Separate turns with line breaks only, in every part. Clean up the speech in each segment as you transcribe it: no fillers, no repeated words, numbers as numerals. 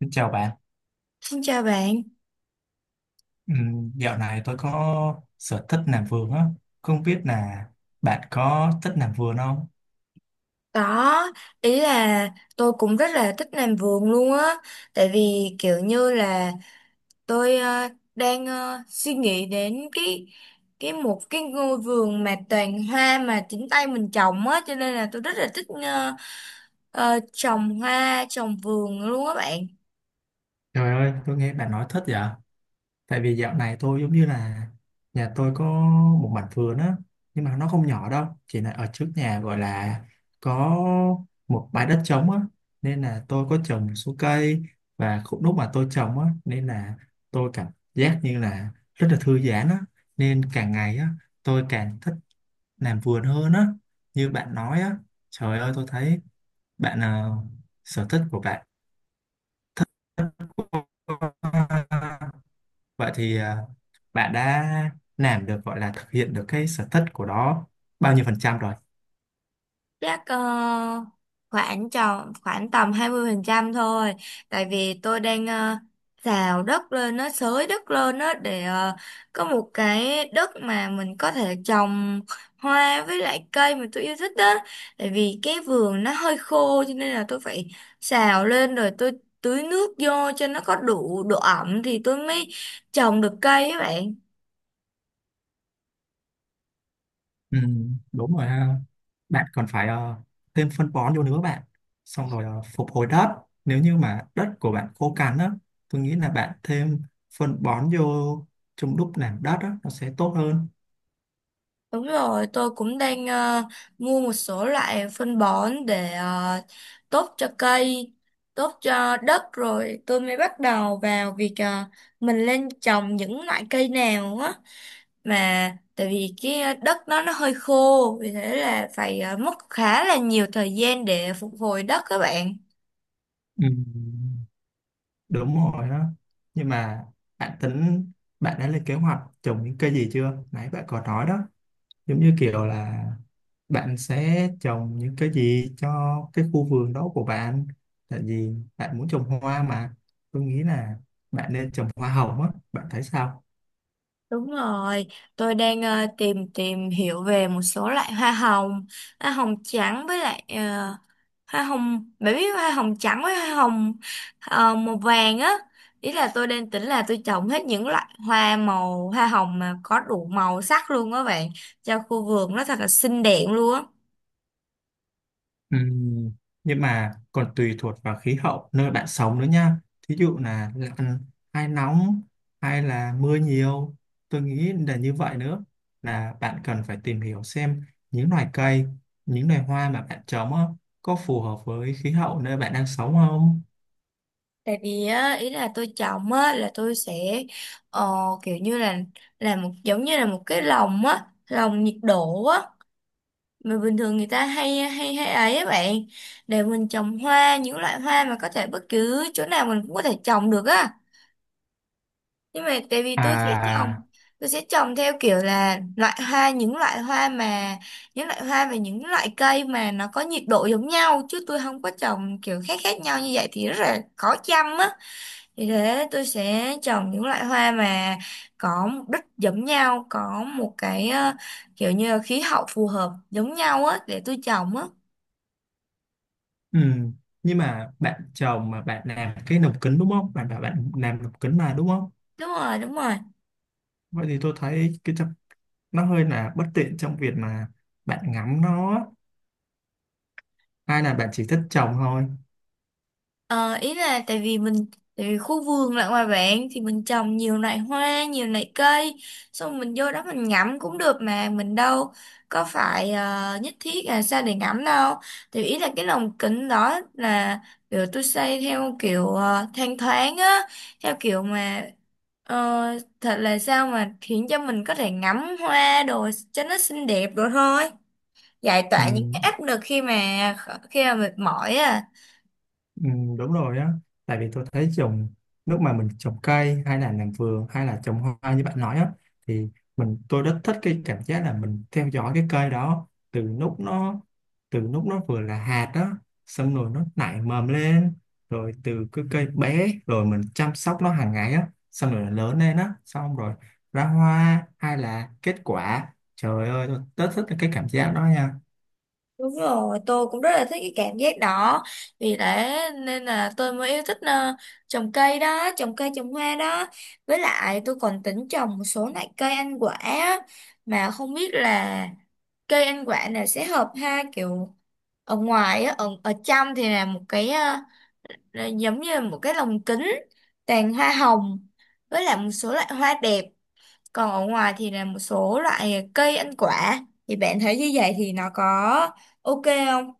Xin chào bạn.
Xin chào bạn.
Dạo này tôi có sở thích làm vườn á. Không biết là bạn có thích làm vườn không?
Đó, ý là tôi cũng rất là thích làm vườn luôn á, tại vì kiểu như là tôi đang suy nghĩ đến cái một cái ngôi vườn mà toàn hoa mà chính tay mình trồng á, cho nên là tôi rất là thích trồng hoa, trồng vườn luôn á bạn.
Trời ơi, tôi nghe bạn nói thích vậy. Tại vì dạo này tôi giống như là nhà tôi có một mảnh vườn á, nhưng mà nó không nhỏ đâu, chỉ là ở trước nhà gọi là có một bãi đất trống á, nên là tôi có trồng một số cây và cũng lúc mà tôi trồng á, nên là tôi cảm giác như là rất là thư giãn á, nên càng ngày á tôi càng thích làm vườn hơn á như bạn nói á, trời ơi tôi thấy bạn à, sở thích của bạn thích quá. Vậy thì à, bạn đã làm được gọi là thực hiện được cái sở thích của đó bao nhiêu phần trăm rồi?
Chắc khoảng tròn khoảng tầm 20% thôi, tại vì tôi đang xào đất lên, nó xới đất lên đó để có một cái đất mà mình có thể trồng hoa với lại cây mà tôi yêu thích đó. Tại vì cái vườn nó hơi khô cho nên là tôi phải xào lên rồi tôi tưới nước vô cho nó có đủ độ ẩm thì tôi mới trồng được cây các bạn.
Ừ, đúng rồi ha, bạn còn phải thêm phân bón vô nữa bạn, xong rồi phục hồi đất, nếu như mà đất của bạn khô cằn á tôi nghĩ là bạn thêm phân bón vô trong lúc làm đất á nó sẽ tốt hơn.
Đúng rồi, tôi cũng đang mua một số loại phân bón để tốt cho cây, tốt cho đất, rồi tôi mới bắt đầu vào việc mình lên trồng những loại cây nào á. Mà tại vì cái đất nó hơi khô, vì thế là phải mất khá là nhiều thời gian để phục hồi đất các bạn.
Ừ. Đúng rồi đó, nhưng mà bạn tính, bạn đã lên kế hoạch trồng những cây gì chưa, nãy bạn có nói đó, giống như kiểu là bạn sẽ trồng những cái gì cho cái khu vườn đó của bạn, tại vì bạn muốn trồng hoa mà tôi nghĩ là bạn nên trồng hoa hồng á, bạn thấy sao?
Đúng rồi, tôi đang tìm tìm hiểu về một số loại hoa hồng trắng với lại hoa hồng, bạn biết hoa hồng trắng với hoa hồng màu vàng á. Ý là tôi đang tính là tôi trồng hết những loại hoa màu hoa hồng mà có đủ màu sắc luôn á bạn, cho khu vườn nó thật là xinh đẹp luôn á.
Ừm, nhưng mà còn tùy thuộc vào khí hậu nơi bạn sống nữa nha. Thí dụ là lạnh hay nóng hay là mưa nhiều. Tôi nghĩ là như vậy nữa, là bạn cần phải tìm hiểu xem những loài cây, những loài hoa mà bạn trồng á, có phù hợp với khí hậu nơi bạn đang sống không?
Tại vì á, ý là tôi trồng á, là tôi sẽ ờ, kiểu như là một giống như là một cái lồng á, lồng nhiệt độ á, mà bình thường người ta hay hay hay ấy á bạn, để mình trồng hoa, những loại hoa mà có thể bất cứ chỗ nào mình cũng có thể trồng được á. Nhưng mà tại vì trồng
À,
tôi sẽ trồng theo kiểu là loại hoa những loại hoa mà những loại hoa và những loại cây mà nó có nhiệt độ giống nhau, chứ tôi không có trồng kiểu khác khác nhau, như vậy thì rất là khó chăm á. Vì thế tôi sẽ trồng những loại hoa mà có mục đích giống nhau, có một cái kiểu như là khí hậu phù hợp giống nhau á để tôi trồng á.
ừm, nhưng mà bạn trồng mà bạn làm cái lồng kính đúng không? Bạn bảo bạn làm lồng kính mà đúng không?
Đúng rồi, đúng rồi.
Vậy thì tôi thấy nó hơi là bất tiện trong việc mà bạn ngắm nó, hai là bạn chỉ thích trồng thôi.
Ờ, Ý là tại vì mình, tại vì khu vườn lại ngoài bạn thì mình trồng nhiều loại hoa, nhiều loại cây, xong mình vô đó mình ngắm cũng được, mà mình đâu có phải nhất thiết là sao để ngắm đâu. Thì ý là cái lồng kính đó là kiểu tôi xây theo kiểu thanh thoáng á, theo kiểu mà ờ, thật là sao mà khiến cho mình có thể ngắm hoa đồ cho nó xinh đẹp đồ thôi, giải
Ừ,
tỏa những cái áp lực khi mà mệt mỏi á.
ừ, đúng rồi á, tại vì tôi thấy trồng lúc mà mình trồng cây hay là làm vườn hay là trồng hoa như bạn nói á thì tôi rất thích cái cảm giác là mình theo dõi cái cây đó từ lúc nó, từ lúc nó vừa là hạt đó, xong rồi nó nảy mầm lên, rồi từ cái cây bé rồi mình chăm sóc nó hàng ngày á, xong rồi nó lớn lên á, xong rồi ra hoa hay là kết quả, trời ơi tôi rất thích cái cảm giác đó nha.
Đúng rồi, tôi cũng rất là thích cái cảm giác đó. Vì thế nên là tôi mới yêu thích trồng cây đó, trồng cây trồng hoa đó. Với lại tôi còn tính trồng một số loại cây ăn quả á. Mà không biết là cây ăn quả này sẽ hợp ha, kiểu ở ngoài á, ở trong thì là một cái là giống như là một cái lồng kính toàn hoa hồng. Với lại một số loại hoa đẹp. Còn ở ngoài thì là một số loại cây ăn quả. Thì bạn thấy như vậy thì nó có ok không?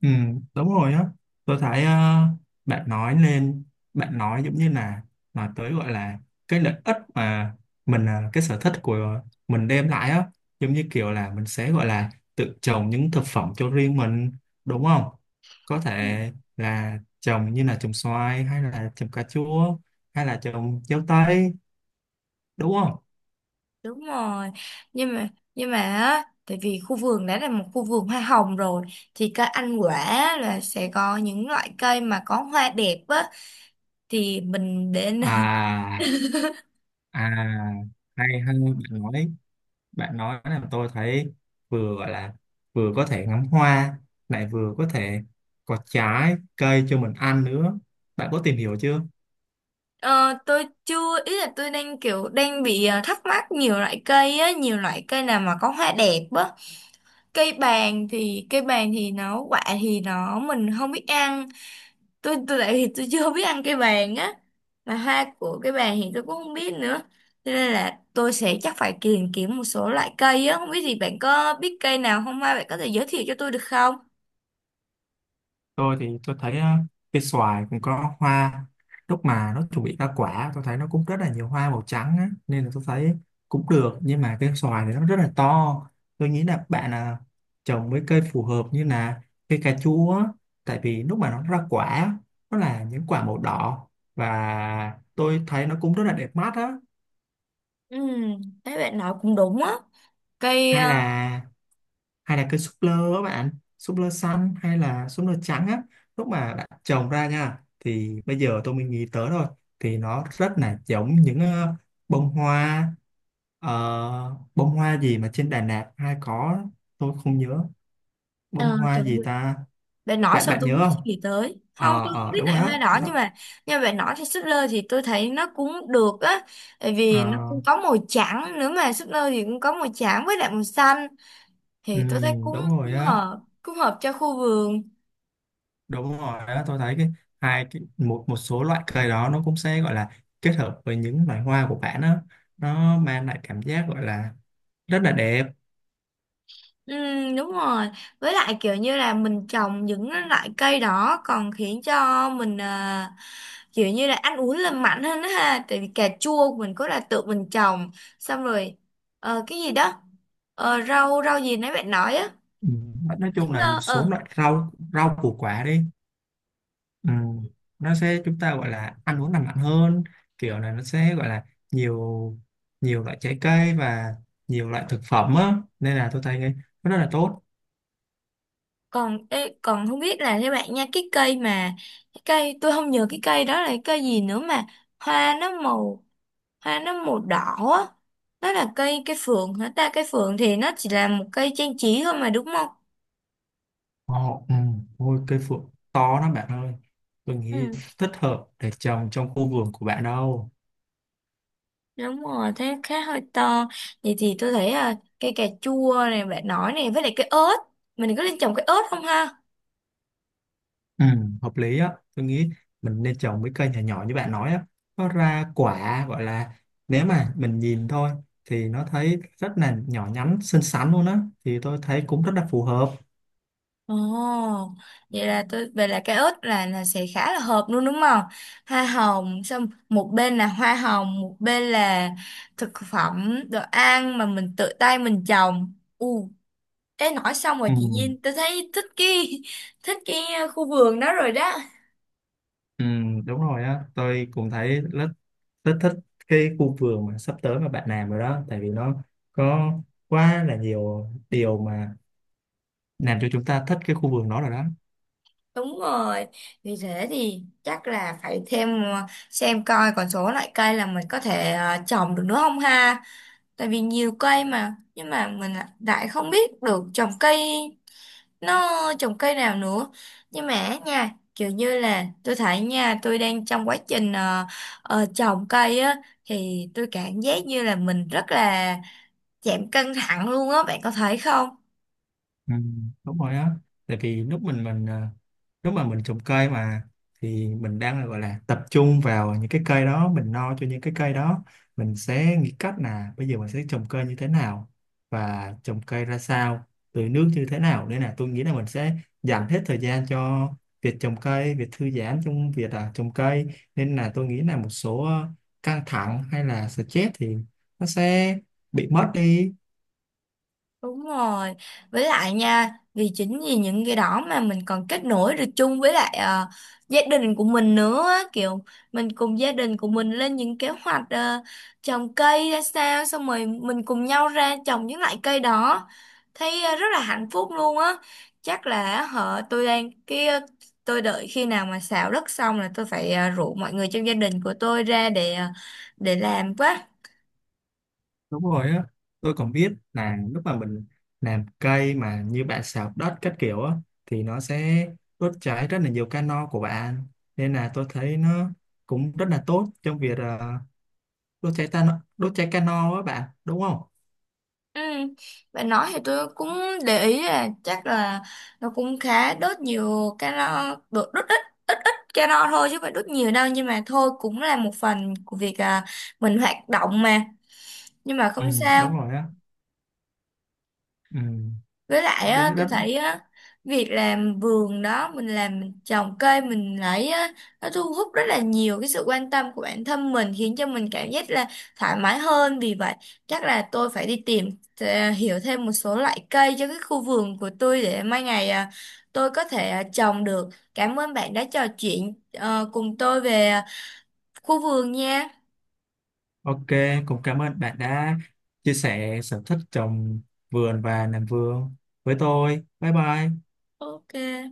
Ừ, đúng rồi á. Tôi thấy bạn nói lên, bạn nói giống như là nói tới gọi là cái lợi ích mà mình ờ, cái sở thích của mình đem lại á, giống như kiểu là mình sẽ gọi là tự trồng những thực phẩm cho riêng mình, đúng không? Có thể là trồng như là trồng xoài hay là trồng cà chua hay là trồng dâu tây, đúng không?
Đúng rồi. Nhưng mà nhưng mà á, tại vì khu vườn đã là một khu vườn hoa hồng rồi thì cây ăn quả là sẽ có những loại cây mà có hoa đẹp á, thì mình để n-
À, à, hay hay bạn nói, bạn nói làm tôi thấy vừa gọi là vừa có thể ngắm hoa lại vừa có thể có trái cây cho mình ăn nữa, bạn có tìm hiểu chưa?
ờ, tôi chưa, ý là tôi đang kiểu đang bị thắc mắc nhiều loại cây á, nhiều loại cây nào mà có hoa đẹp á. Cây bàng thì nó quả thì nó mình không biết ăn. Tôi tại vì tôi chưa biết ăn cây bàn á, mà hoa của cây bàn thì tôi cũng không biết nữa, cho nên là tôi sẽ chắc phải tìm kiếm một số loại cây á. Không biết thì bạn có biết cây nào không, mai bạn có thể giới thiệu cho tôi được không?
Tôi thì tôi thấy á, cây xoài cũng có hoa, lúc mà nó chuẩn bị ra quả tôi thấy nó cũng rất là nhiều hoa màu trắng á, nên là tôi thấy cũng được, nhưng mà cây xoài thì nó rất là to, tôi nghĩ là bạn à, trồng mấy cây phù hợp như là cây cà chua á, tại vì lúc mà nó ra quả nó là những quả màu đỏ và tôi thấy nó cũng rất là đẹp mắt á.
Ừ, thấy bạn nói cũng đúng á. cây
Hay
ờ,
là, hay là cây súp lơ á bạn, súp lơ xanh hay là súp lơ trắng á, lúc mà bạn trồng ra nha thì bây giờ tôi mới nghĩ tới thôi, thì nó rất là giống những bông hoa, bông hoa gì mà trên Đà Lạt hay có, tôi không nhớ bông
ờ,
hoa
Trời
gì
ơi,
ta.
bạn nói
Bạn,
xong
bạn
tôi không
nhớ
biết
không?
suy nghĩ tới không,
ờ
tôi không
ờ
biết
đúng rồi
lại
đó
hoa đỏ,
nó,
nhưng mà bạn nói thì súp lơ thì tôi thấy nó cũng được á, tại vì nó
ờ,
cũng có màu trắng nữa. Mà súp lơ thì cũng có màu trắng với lại màu xanh,
ừ,
thì tôi thấy cũng
đúng
cũng
rồi á.
hợp cũng hợp cho khu vườn.
Đúng rồi đó, tôi thấy cái hai cái một một số loại cây đó nó cũng sẽ gọi là kết hợp với những loài hoa của bạn đó, nó mang lại cảm giác gọi là rất là đẹp.
Ừ, đúng rồi. Với lại kiểu như là mình trồng những loại cây đó còn khiến cho mình à, kiểu như là ăn uống lành mạnh hơn đó ha, tại vì cà chua của mình có là tự mình trồng, xong rồi cái gì đó, rau rau gì nãy bạn nói á.
Ừ. Nói
Thích
chung là một
nơ
số loại rau, rau củ quả đi. Ừ. Nó sẽ chúng ta gọi là ăn uống lành mạnh hơn, kiểu là nó sẽ gọi là nhiều nhiều loại trái cây và nhiều loại thực phẩm á, nên là tôi thấy cái nó rất là tốt.
còn ê, còn không biết là theo bạn nha, cái cây mà cái cây tôi không nhớ cái cây đó là cái cây gì nữa, mà hoa nó màu, hoa nó màu đỏ á. Nó là cây cây phượng hả ta? Cây phượng thì nó chỉ là một cây trang trí thôi mà đúng không?
Ồ, ừ, ôi cây phượng to lắm bạn ơi. Tôi nghĩ
Ừ.
thích hợp để trồng trong khu vườn của bạn đâu.
Đúng rồi thế khá hơi to. Vậy thì tôi thấy là cây cà chua này bạn nói này, với lại cây ớt, mình có nên trồng cây ớt không ha?
Ừ, hợp lý á. Tôi nghĩ mình nên trồng mấy cây nhỏ nhỏ như bạn nói á. Nó ra quả gọi là nếu mà mình nhìn thôi thì nó thấy rất là nhỏ nhắn, xinh xắn luôn á. Thì tôi thấy cũng rất là phù hợp.
Ồ, vậy là tôi về là cái ớt là sẽ khá là hợp luôn đúng không? Hoa hồng, xong một bên là hoa hồng, một bên là thực phẩm đồ ăn mà mình tự tay mình trồng. Ừ, ê nói xong rồi
Ừ,
chị Nhiên, tôi thấy thích cái thích cái khu vườn đó rồi đó.
ừ, đúng rồi á. Tôi cũng thấy rất, rất thích cái khu vườn mà sắp tới mà bạn làm rồi đó. Tại vì nó có quá là nhiều điều mà làm cho chúng ta thích cái khu vườn đó rồi đó.
Đúng rồi, vì thế thì chắc là phải thêm xem coi còn số loại cây là mình có thể trồng được nữa không ha. Tại vì nhiều cây mà nhưng mà mình lại lại không biết được trồng cây, nó trồng cây nào nữa. Nhưng mà nha, kiểu như là tôi thấy nha, tôi đang trong quá trình trồng cây á, thì tôi cảm giác như là mình rất là giảm căng thẳng luôn á, bạn có thấy không?
Ừ. Đúng rồi á, tại vì lúc mình à, lúc mà mình trồng cây mà thì mình đang là gọi là tập trung vào những cái cây đó, mình lo cho những cái cây đó, mình sẽ nghĩ cách là bây giờ mình sẽ trồng cây như thế nào và trồng cây ra sao, tưới nước như thế nào, nên là tôi nghĩ là mình sẽ dành hết thời gian cho việc trồng cây, việc thư giãn trong việc à, trồng cây, nên là tôi nghĩ là một số căng thẳng hay là stress thì nó sẽ bị mất đi.
Đúng rồi, với lại nha, vì chính vì những cái đó mà mình còn kết nối được chung với lại gia đình của mình nữa á. Kiểu mình cùng gia đình của mình lên những kế hoạch trồng cây ra sao, xong rồi mình cùng nhau ra trồng những loại cây đó, thấy rất là hạnh phúc luôn á. Chắc là họ tôi đang cái tôi đợi khi nào mà xào đất xong là tôi phải rủ mọi người trong gia đình của tôi ra để để làm quá.
Đúng rồi á, tôi còn biết là lúc mà mình làm cây mà như bạn xào đất các kiểu á thì nó sẽ đốt cháy rất là nhiều cano của bạn, nên là tôi thấy nó cũng rất là tốt trong việc đốt cháy ta, đốt cháy cano á bạn đúng không?
Ừ. Bạn nói thì tôi cũng để ý là chắc là nó cũng khá đốt nhiều calo, đốt, đốt ít calo thôi chứ phải đốt nhiều đâu, nhưng mà thôi cũng là một phần của việc à, mình hoạt động mà, nhưng mà
Ừ,
không
đúng
sao.
rồi á. Ừ.
Với lại
Rất,
á, tôi
rất.
thấy á, việc làm vườn đó mình làm, mình trồng cây mình lấy á, nó thu hút rất là nhiều cái sự quan tâm của bản thân mình, khiến cho mình cảm giác là thoải mái hơn. Vì vậy chắc là tôi phải đi tìm hiểu thêm một số loại cây cho cái khu vườn của tôi để mai ngày à, tôi có thể à, trồng được. Cảm ơn bạn đã trò chuyện cùng tôi về à, khu vườn nha.
OK, cũng cảm ơn bạn đã chia sẻ sở thích trồng vườn và làm vườn với tôi. Bye bye.
Ok.